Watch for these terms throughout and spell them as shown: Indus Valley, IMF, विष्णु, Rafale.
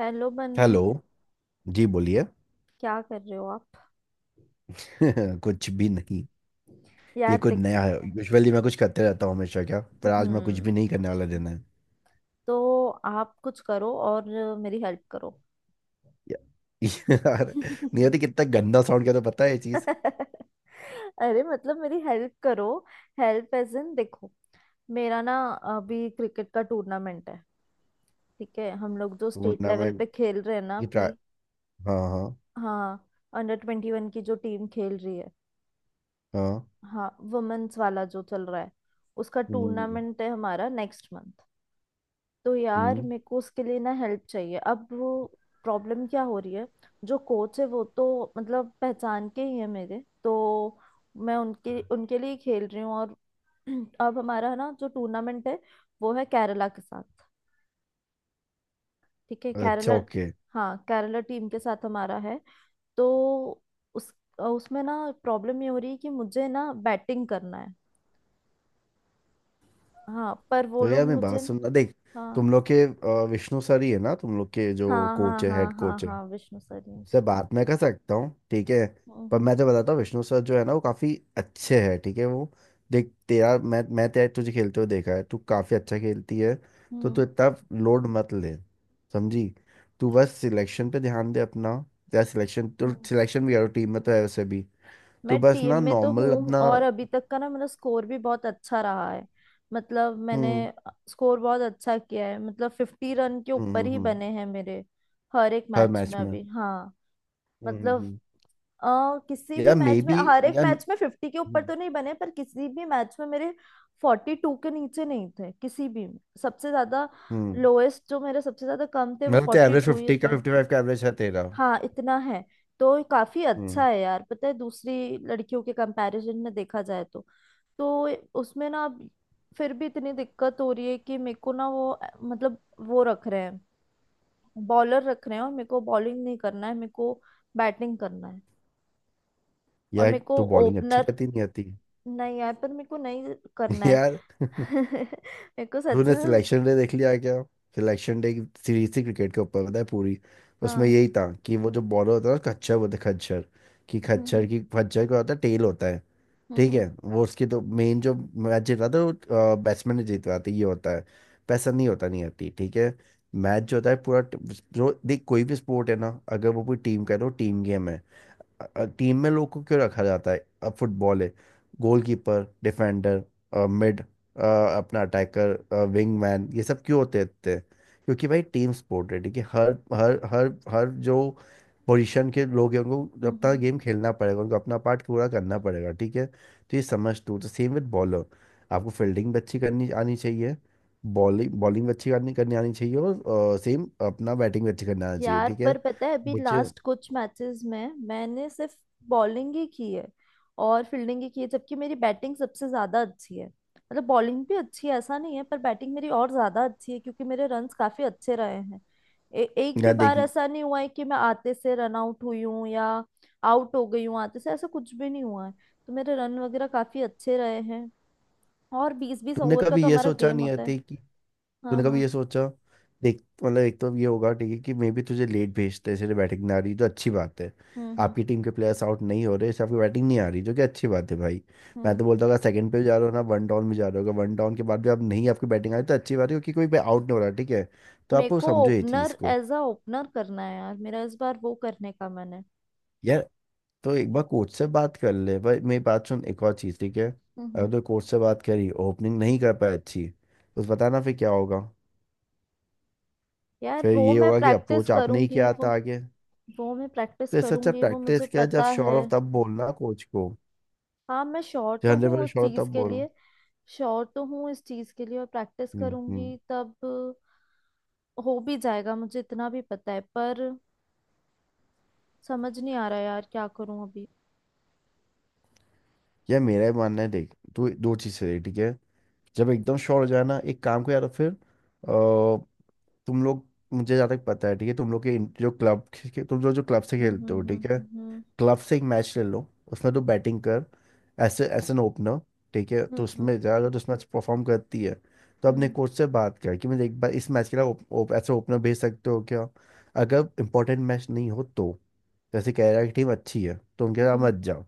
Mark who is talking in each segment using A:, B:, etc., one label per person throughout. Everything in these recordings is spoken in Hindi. A: हेलो बनी।
B: हेलो। जी बोलिए।
A: क्या कर रहे हो आप?
B: कुछ भी नहीं। ये
A: यार
B: कुछ
A: देखो।
B: नया है। यूजुअली मैं कुछ करते रहता हूँ हमेशा क्या, पर आज मैं कुछ
A: हम्म।
B: भी नहीं करने वाला दिन है।
A: तो आप कुछ करो और मेरी हेल्प करो।
B: या- यार, नहीं होती कितना गंदा साउंड किया, तो पता है ये चीज
A: अरे मतलब मेरी हेल्प करो। हेल्प एज इन देखो, मेरा ना अभी क्रिकेट का टूर्नामेंट है। ठीक है, हम लोग जो स्टेट लेवल पे
B: टूर्नामेंट
A: खेल रहे हैं ना
B: की
A: अभी।
B: हाँ हाँ।
A: हाँ, अंडर 21 की जो टीम खेल रही है,
B: हाँ।
A: हाँ वुमेन्स वाला जो चल रहा है, उसका
B: हम्म।
A: टूर्नामेंट है हमारा नेक्स्ट मंथ। तो यार
B: हम्म।
A: मेरे को उसके लिए ना हेल्प चाहिए। अब वो प्रॉब्लम क्या हो रही है, जो कोच है वो तो मतलब पहचान के ही है मेरे तो। मैं उनके उनके लिए ही खेल रही हूँ और अब हमारा ना जो टूर्नामेंट है, वो है केरला के साथ। ठीक है
B: अच्छा,
A: केरला।
B: ओके।
A: हाँ केरला टीम के साथ हमारा है। तो उस उसमें ना प्रॉब्लम ये हो रही है कि मुझे ना बैटिंग करना है। हाँ पर वो
B: तो
A: लोग
B: यार, मैं
A: मुझे।
B: बात सुनना देख। तुम
A: हाँ
B: लोग के विष्णु सर ही है ना, तुम लोग के जो
A: हाँ हाँ
B: कोच है,
A: हाँ
B: हेड
A: हाँ
B: कोच है।
A: हाँ, विष्णु सर ही हैं।
B: उससे बात मैं कर सकता हूँ, ठीक है। पर
A: हम्म।
B: मैं तो बताता हूँ विष्णु सर जो है ना वो काफ़ी अच्छे हैं, ठीक है। वो देख, तेरा मैं तेरा तुझे खेलते हुए देखा है, तू काफ़ी अच्छा खेलती है। तो तू
A: हम्म
B: इतना लोड मत ले, समझी। तू बस सिलेक्शन पे ध्यान दे अपना। तेरा सिलेक्शन तो
A: हम्म।
B: सिलेक्शन भी करो, टीम में तो है वैसे भी। तू
A: मैं
B: बस
A: टीम
B: ना
A: में तो
B: नॉर्मल
A: हूँ
B: अपना।
A: और अभी तक का ना मेरा स्कोर भी बहुत अच्छा रहा है। मतलब मैंने
B: हम्म
A: स्कोर बहुत अच्छा किया है, मतलब 50 रन के ऊपर
B: हम्म।
A: ही बने हैं मेरे हर एक
B: हर
A: मैच
B: मैच
A: में
B: में।
A: अभी। हाँ
B: हम्म हम्म
A: मतलब
B: हम्म।
A: किसी भी
B: या मे
A: मैच में,
B: बी।
A: हर एक
B: या।
A: मैच में 50 के ऊपर
B: हम्म
A: तो नहीं बने पर किसी भी मैच में मेरे 42 के नीचे नहीं थे किसी भी में। सबसे ज्यादा
B: हम्म,
A: लोएस्ट जो मेरे, सबसे ज्यादा कम थे वो
B: मतलब तेरा
A: फोर्टी
B: एवरेज
A: टू ही
B: 50 का,
A: थे।
B: 55 का एवरेज है तेरा।
A: हाँ इतना है। तो ये काफी अच्छा
B: हम्म।
A: है यार, पता है दूसरी लड़कियों के कंपैरिजन में देखा जाए तो। तो उसमें ना अब फिर भी इतनी दिक्कत हो रही है कि मेरे को ना वो मतलब वो रख रहे हैं, बॉलर रख रहे हैं और मेरे को बॉलिंग नहीं करना है, मेरे को बैटिंग करना है। और
B: यार,
A: मेरे को
B: तू बॉलिंग अच्छी
A: ओपनर
B: करती नहीं आती।
A: नहीं आए पर मेरे को नहीं करना है।
B: यार,
A: मेरे को सच
B: तूने
A: में।
B: सिलेक्शन डे देख लिया क्या? सिलेक्शन डे की सीरीज थी क्रिकेट के ऊपर, पता है पूरी। उसमें
A: हाँ।
B: यही था कि वो जो बॉलर होता है ना, खच्चर बोलते हैं, खच्चर। कि
A: हम्म
B: खच्चर
A: हम्म
B: की, खच्चर का होता है, टेल होता है। ठीक
A: हम्म।
B: है, वो उसकी तो मेन जो मैच जीत रहा था वो बैट्समैन ने जीत रहा था, ये होता है। पैसा नहीं होता, नहीं आती, ठीक है। मैच जो होता है पूरा जो देख, कोई भी स्पोर्ट है ना, अगर वो पूरी टीम का है तो टीम गेम है। टीम में लोग को क्यों रखा जाता है? अब फुटबॉल है, गोलकीपर, डिफेंडर, मिड, अपना अटैकर, विंगमैन, ये सब क्यों होते थे? क्योंकि भाई टीम स्पोर्ट है, ठीक है। हर हर हर हर जो पोजीशन के लोग हैं उनको
A: हम्म,
B: अपना
A: हम्म।
B: गेम खेलना पड़ेगा, उनको अपना पार्ट पूरा करना पड़ेगा, ठीक है। तो ये समझ तू, तो सेम विद बॉलर। आपको फील्डिंग भी अच्छी करनी आनी चाहिए, बॉलिंग बॉलिंग भी अच्छी करनी करनी आनी चाहिए, और सेम अपना बैटिंग भी अच्छी करनी आनी चाहिए,
A: यार
B: ठीक है।
A: पर पता है अभी
B: मुझे।
A: लास्ट कुछ मैचेस में मैंने सिर्फ बॉलिंग ही की है और फील्डिंग ही की है, जबकि मेरी बैटिंग सबसे ज्यादा अच्छी है। मतलब बॉलिंग भी अच्छी है ऐसा नहीं है, पर बैटिंग मेरी और ज्यादा अच्छी है क्योंकि मेरे रन्स काफी अच्छे रहे हैं। ए एक भी
B: यार देख,
A: बार ऐसा नहीं हुआ है कि मैं आते से रन आउट हुई हूँ या आउट हो गई हूँ आते से, ऐसा कुछ भी नहीं हुआ है। तो मेरे रन वगैरह काफी अच्छे रहे हैं। और बीस बीस
B: तूने
A: ओवर का
B: कभी
A: तो
B: ये
A: हमारा
B: सोचा
A: गेम
B: नहीं
A: होता है।
B: आती कि,
A: हाँ
B: तूने कभी
A: हाँ।
B: ये सोचा, देख मतलब एक तो ये होगा ठीक है, कि मे बी तुझे लेट भेजते हैं इसलिए बैटिंग नहीं आ रही, जो अच्छी बात है।
A: हम्म हम्म
B: आपकी टीम के प्लेयर्स आउट नहीं हो रहे, इससे आपकी बैटिंग नहीं आ रही, जो कि अच्छी बात है भाई। मैं तो
A: हम्म।
B: बोलता हूँ, अगर सेकंड पे भी जा रहे हो ना, वन डाउन भी जा रहे हो, वन डाउन के बाद भी आप नहीं, आपकी बैटिंग आ रही, तो अच्छी बात है क्योंकि कोई आउट नहीं हो रहा, ठीक है। तो
A: मेरे
B: आप वो
A: को
B: समझो ये चीज़
A: ओपनर,
B: को।
A: एज अ ओपनर करना है यार, मेरा इस बार वो करने का मन है।
B: यार, तो एक बार कोच से बात कर ले भाई, मेरी बात सुन, एक और चीज़ ठीक है। अगर
A: हम्म।
B: तो कोच से बात करी, ओपनिंग नहीं कर पाए अच्छी, तो बताना फिर क्या होगा।
A: यार
B: फिर
A: वो
B: ये
A: मैं
B: होगा कि
A: प्रैक्टिस
B: अप्रोच आपने ही
A: करूंगी
B: किया
A: वो
B: था आगे।
A: वो मैं प्रैक्टिस
B: तो इससे अच्छा
A: करूंगी वो मुझे
B: प्रैक्टिस किया, जब
A: पता
B: श्योर
A: है।
B: हो तब बोलना कोच को।
A: हाँ मैं श्योर
B: जब
A: तो
B: हंड्रेड
A: हूँ
B: परसेंट
A: उस
B: श्योर हो
A: चीज
B: तब
A: के
B: बोलो।
A: लिए। श्योर तो हूँ इस चीज के लिए, और प्रैक्टिस
B: हम्म।
A: करूंगी तब हो भी जाएगा, मुझे इतना भी पता है। पर समझ नहीं आ रहा यार, क्या करूं अभी।
B: यह मेरा ही मानना है देख, तू दो चीज़ें देख ठीक है। जब एकदम श्योर हो जाए ना एक काम को, यार फिर तुम लोग, मुझे जहाँ तक पता है ठीक है, तुम लोग के जो क्लब, तुम लोग जो क्लब से
A: हम्म
B: खेलते हो
A: हम्म
B: ठीक है।
A: हम्म
B: क्लब से एक मैच ले लो, उसमें तो बैटिंग कर, ऐसे एज एन ओपनर, ठीक है।
A: हम्म
B: तो
A: हम्म
B: उसमें जा, अगर तो उस मैच परफॉर्म करती है, तो अपने
A: हम्म
B: कोच से बात कर कि मुझे एक बार इस मैच के लिए ओप, ओप, ऐसे ओपनर भेज सकते हो क्या। अगर इंपॉर्टेंट मैच नहीं हो तो, जैसे कह रहा है कि टीम अच्छी है तो उनके
A: हम्म
B: साथ
A: हम्म
B: मत जाओ।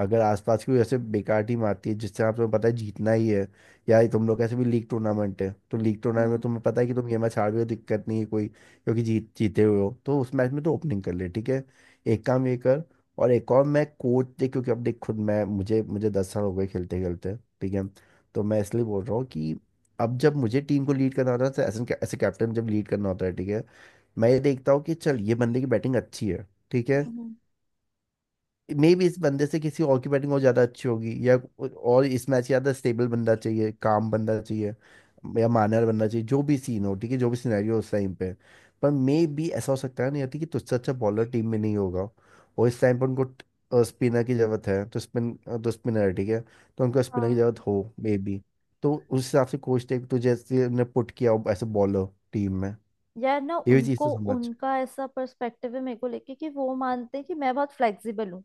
B: अगर आसपास की कोई ऐसे बेकार टीम आती है जिससे आप, तुम्हें पता है जीतना ही है, या ये तुम लोग ऐसे भी लीग टूर्नामेंट है, तो लीग टूर्नामेंट
A: हम्म
B: में तुम्हें पता है कि तुम ये मैच हार भी हो, दिक्कत नहीं है कोई, क्योंकि जीत, जीते हुए हो, तो उस मैच में तो ओपनिंग कर ले ठीक है। एक काम ये कर। और एक और, मैं कोच, देख क्योंकि अब देख खुद मैं, मुझे मुझे 10 साल हो गए खेलते खेलते, ठीक है। तो मैं इसलिए बोल रहा हूँ कि, अब जब मुझे टीम को लीड करना होता है, तो ऐसे, ऐसे कैप्टन जब लीड करना होता है ठीक है, मैं ये देखता हूँ कि चल, ये बंदे की बैटिंग अच्छी है ठीक है,
A: हम्म।
B: मे भी इस बंदे से किसी और की बैटिंग और ज्यादा अच्छी होगी, या और इस मैच ज्यादा स्टेबल बंदा चाहिए, काम बंदा चाहिए, या मानर बंदा चाहिए, जो भी सीन हो ठीक है, जो भी सिनेरियो हो उस टाइम पे। पर मे भी ऐसा हो सकता है नहीं आती कि तुझसे अच्छा बॉलर टीम में नहीं होगा, और इस टाइम पर उनको स्पिनर की जरूरत है, तो स्पिन, तो स्पिनर है ठीक है, तो उनको स्पिनर की जरूरत
A: हाँ।
B: हो मे बी, तो उस हिसाब से कोच ने तुझे ऐसे ने पुट किया हो ऐसे बॉलर टीम में।
A: यार ना
B: ये भी चीज़
A: उनको
B: तो समझ।
A: उनका ऐसा पर्सपेक्टिव है मेरे को लेके कि वो मानते हैं कि मैं बहुत फ्लेक्सिबल हूँ।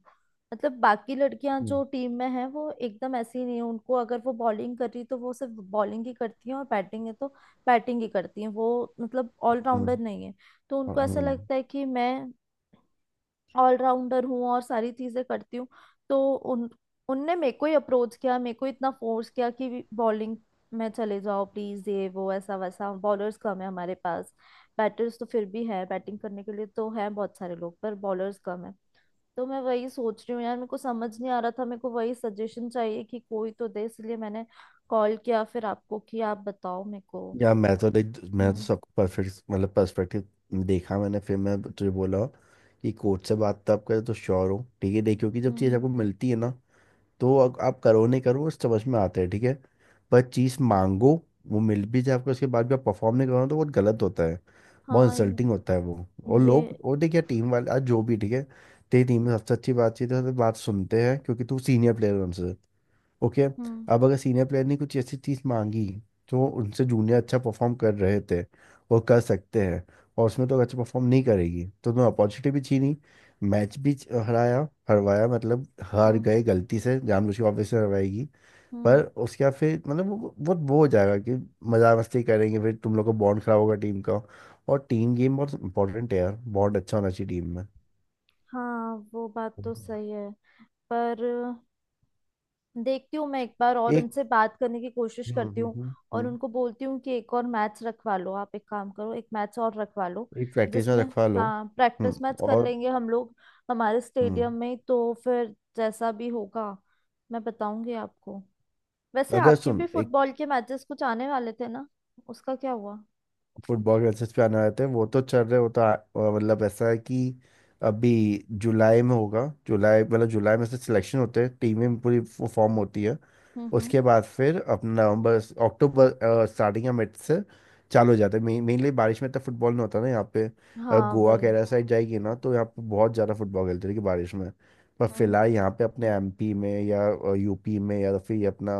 A: मतलब बाकी लड़कियां
B: हम्म
A: जो टीम में हैं वो एकदम ऐसी नहीं है, उनको अगर वो बॉलिंग कर रही तो वो सिर्फ बॉलिंग ही करती हैं, और बैटिंग है तो बैटिंग ही करती हैं वो। मतलब ऑलराउंडर
B: हम्म
A: नहीं है। तो उनको ऐसा
B: हम्म।
A: लगता है कि मैं ऑलराउंडर हूँ और सारी चीजें करती हूँ। तो उन उनने मेरे को ही अप्रोच किया, मेरे को इतना फोर्स किया कि बॉलिंग में चले जाओ प्लीज, ये वो ऐसा वैसा, बॉलर्स कम है हमारे पास। बैटर्स तो फिर भी है, बैटिंग करने के लिए तो है बहुत सारे लोग, पर बॉलर्स कम है। तो मैं वही सोच रही हूँ यार, मेरे को समझ नहीं आ रहा था, मेरे को वही सजेशन चाहिए कि कोई तो दे, इसलिए मैंने कॉल किया फिर आपको कि आप बताओ मेरे को।
B: या मैं तो लाइक, मैं तो
A: हम्म
B: सबको परफेक्ट मतलब पर्सपेक्टिव देखा मैंने, फिर मैं तुझे बोला कि कोच से बात तो आप करें, तो श्योर हो ठीक है, देखियो कि जब
A: हम्म
B: चीज़
A: हम्म,
B: आपको मिलती है ना, तो आप करो नहीं करो, उस समझ में आता है ठीक है। पर चीज़ मांगो, वो मिल भी जाए आपको, उसके बाद भी आप परफॉर्म नहीं करो, तो बहुत गलत होता है, बहुत
A: हाँ।
B: इंसल्टिंग होता है वो। और
A: ये।
B: लोग, और देखिए टीम वाले आज जो भी
A: हम्म
B: ठीक है। तेरी टीम में सबसे अच्छी बातचीत है, तो बात सुनते हैं क्योंकि तू सीनियर प्लेयर है उनसे। ओके,
A: हम्म
B: अब अगर सीनियर प्लेयर ने कुछ ऐसी चीज़ मांगी जो उनसे जूनियर अच्छा परफॉर्म कर रहे थे और कर सकते हैं, और उसमें तो अच्छा परफॉर्म नहीं करेगी, तो उन्होंने अपॉर्चुनिटी भी छीनी, मैच भी हराया, हरवाया, मतलब हार
A: हम्म
B: गए, गलती से जानबूझ के वापस से हरवाएगी। पर
A: हम्म।
B: उसके बाद फिर मतलब वो बहुत वो हो जाएगा कि, मजा मस्ती करेंगे, फिर तुम लोग का बॉन्ड खराब होगा टीम का, और टीम गेम बहुत इंपॉर्टेंट है यार, बॉन्ड अच्छा होना चाहिए टीम में।
A: हाँ वो बात तो
B: हम्म।
A: सही है। पर देखती हूँ, मैं एक बार और
B: एक।
A: उनसे बात करने की कोशिश करती हूँ
B: हम्म।
A: और
B: हम्म,
A: उनको बोलती हूँ कि एक और मैथ्स रखवा लो। आप एक काम करो, एक मैथ्स और रखवा लो,
B: एक प्रैक्टिस में
A: जिसमें,
B: रखवा लो।
A: हाँ
B: हम्म।
A: प्रैक्टिस मैच कर
B: और।
A: लेंगे हम लोग, हमारे स्टेडियम
B: हम्म।
A: में ही। तो फिर जैसा भी होगा मैं बताऊंगी आपको। वैसे
B: अगर
A: आपके भी
B: सुन एक,
A: फुटबॉल के मैचेस कुछ आने वाले थे ना, उसका क्या हुआ?
B: फुटबॉल के एसेस पे आना रहते हैं, वो तो चल रहे वो तो मतलब ऐसा है कि, अभी जुलाई में होगा, जुलाई मतलब जुलाई में से सिलेक्शन होते हैं, टीमें पूरी फॉर्म होती है।
A: हम्म।
B: उसके बाद फिर अपना नवंबर, अक्टूबर स्टार्टिंग या मिड से चालू हो जाता है मेनली। बारिश में तो फुटबॉल नहीं होता ना यहाँ पे।
A: हाँ
B: गोवा
A: वही।
B: केरला साइड जाएगी ना, तो यहाँ पे बहुत ज़्यादा फुटबॉल खेलते हैं कि बारिश में। पर
A: हम्म।
B: फिलहाल यहाँ पे अपने एमपी में, या यूपी में, या फिर ये अपना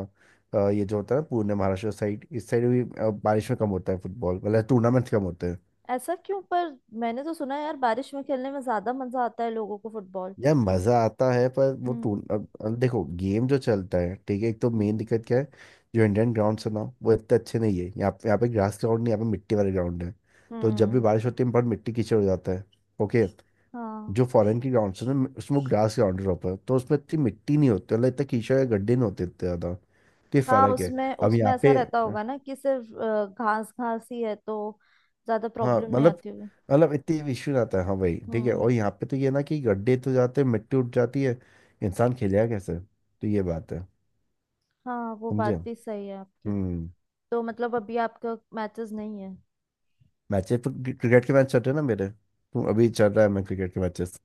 B: ये जो होता है ना पुणे महाराष्ट्र साइड, इस साइड भी बारिश में कम होता है फुटबॉल, मतलब टूर्नामेंट्स कम होते हैं।
A: ऐसा क्यों पर? मैंने तो सुना है यार बारिश में खेलने में ज्यादा मजा आता है लोगों को, फुटबॉल।
B: यार मजा आता है, पर वो
A: हम्म
B: टूर अब देखो गेम जो चलता है ठीक है, एक तो मेन
A: हम्म
B: दिक्कत क्या है, जो इंडियन ग्राउंड है ना, वो इतने अच्छे नहीं है यहाँ पे। यहाँ पे ग्रास ग्राउंड नहीं, यहाँ पे मिट्टी वाले ग्राउंड है। तो जब भी
A: हम्म।
B: बारिश होती है, बहुत मिट्टी कीचड़ हो जाता है। ओके।
A: हाँ
B: जो फॉरेन की ग्राउंड है ना, उसमें ग्रास ग्राउंड है proper, तो उसमें इतनी मिट्टी नहीं होती, मतलब इतना कीचड़ या गड्ढे नहीं होते इतने ज्यादा। तो ये
A: हाँ
B: फर्क है।
A: उसमें,
B: अब
A: उसमें
B: यहाँ
A: ऐसा
B: पे।
A: रहता होगा ना कि सिर्फ घास घास ही है, तो ज्यादा
B: हाँ
A: प्रॉब्लम नहीं
B: मतलब,
A: आती होगी।
B: मतलब इतने इश्यू नहीं आता है, हाँ भाई ठीक है।
A: हम्म।
B: और यहाँ पे तो ये ना, कि गड्ढे तो जाते हैं, मिट्टी उठ जाती है, इंसान खेलेगा कैसे, तो ये बात है।
A: हाँ वो
B: समझे।
A: बात भी सही है आपकी।
B: हम्म।
A: तो मतलब अभी आपका मैचेस नहीं है?
B: मैचेस, क्रिकेट के मैच चल रहे हैं ना मेरे तो, अभी चल रहा है मैं क्रिकेट के मैचेस।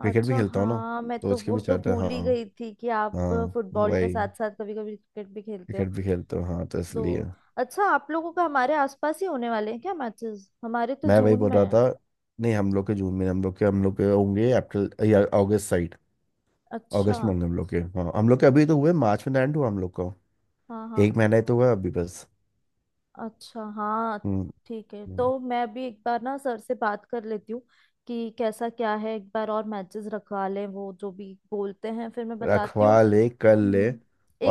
B: क्रिकेट भी
A: अच्छा
B: खेलता हूँ ना,
A: हाँ, मैं
B: तो
A: तो
B: उसके
A: वो
B: भी
A: तो
B: चल रहे हैं
A: भूल ही
B: हाँ।
A: गई थी कि आप
B: हाँ
A: फुटबॉल के
B: वही।
A: साथ साथ कभी कभी क्रिकेट भी खेलते हो।
B: क्रिकेट भी खेलता हूँ हाँ, तो
A: दो,
B: इसलिए।
A: अच्छा आप लोगों का हमारे आसपास ही होने वाले हैं क्या मैचेस? हमारे तो
B: मैं वही
A: जून
B: बोल
A: में
B: रहा
A: है।
B: था, नहीं हम लोग के जून में, हम लोग के होंगे अप्रैल या अगस्त साइड।
A: अच्छा।
B: अगस्त में होंगे हम लोग के हाँ, हम लोग के अभी तो हुए, मार्च में लैंड हुआ हम लोग को।
A: हाँ हाँ।
B: एक महीना ही तो हुआ अभी बस।
A: अच्छा हाँ
B: हम्म
A: ठीक है,
B: हम्म।
A: तो मैं भी एक बार ना सर से बात कर लेती हूँ कि कैसा क्या है, एक बार और मैचेस रखवा लें, वो जो भी बोलते हैं फिर मैं बताती
B: रखवा
A: हूँ।
B: ले, कर ले।
A: हम्म।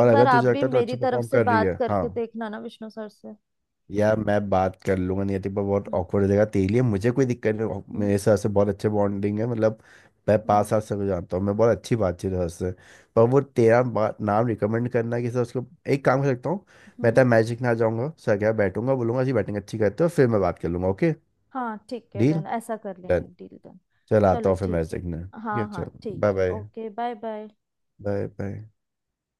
B: और अगर
A: बार आप
B: तुझे
A: भी
B: लगता है तो
A: मेरी
B: अच्छा
A: तरफ
B: परफॉर्म
A: से
B: कर रही
A: बात
B: है, हाँ।
A: करके देखना ना विष्णु सर से।
B: यार मैं बात कर लूंगा नियति, पर बहुत
A: हम्म
B: ऑकवर्ड हो जाएगा तेरे लिए, मुझे कोई दिक्कत नहीं
A: हम्म
B: मेरे साथ से बहुत अच्छे बॉन्डिंग है मतलब। मैं
A: हम्म,
B: पाँच
A: हम्म,
B: साल से को जानता हूँ मैं, बहुत अच्छी बातचीत है उससे। पर वो तेरा नाम रिकमेंड करना कि सर उसको, एक काम कर सकता हूँ।
A: हम्म,
B: मैं
A: हम्म।
B: तो मैजिक ना जाऊँगा सर, क्या बैठूंगा बोलूंगा जी बैटिंग अच्छी करते हो, फिर मैं बात कर लूंगा ओके।
A: हाँ ठीक है
B: डील
A: डन, ऐसा कर
B: डन।
A: लेंगे, डील डन।
B: चल आता
A: चलो
B: हूँ फिर
A: ठीक है।
B: मैजिक ने, ठीक
A: हाँ
B: है
A: हाँ
B: चल।
A: ठीक
B: बाय
A: है
B: bye.
A: Okay, bye bye.
B: Bye bye.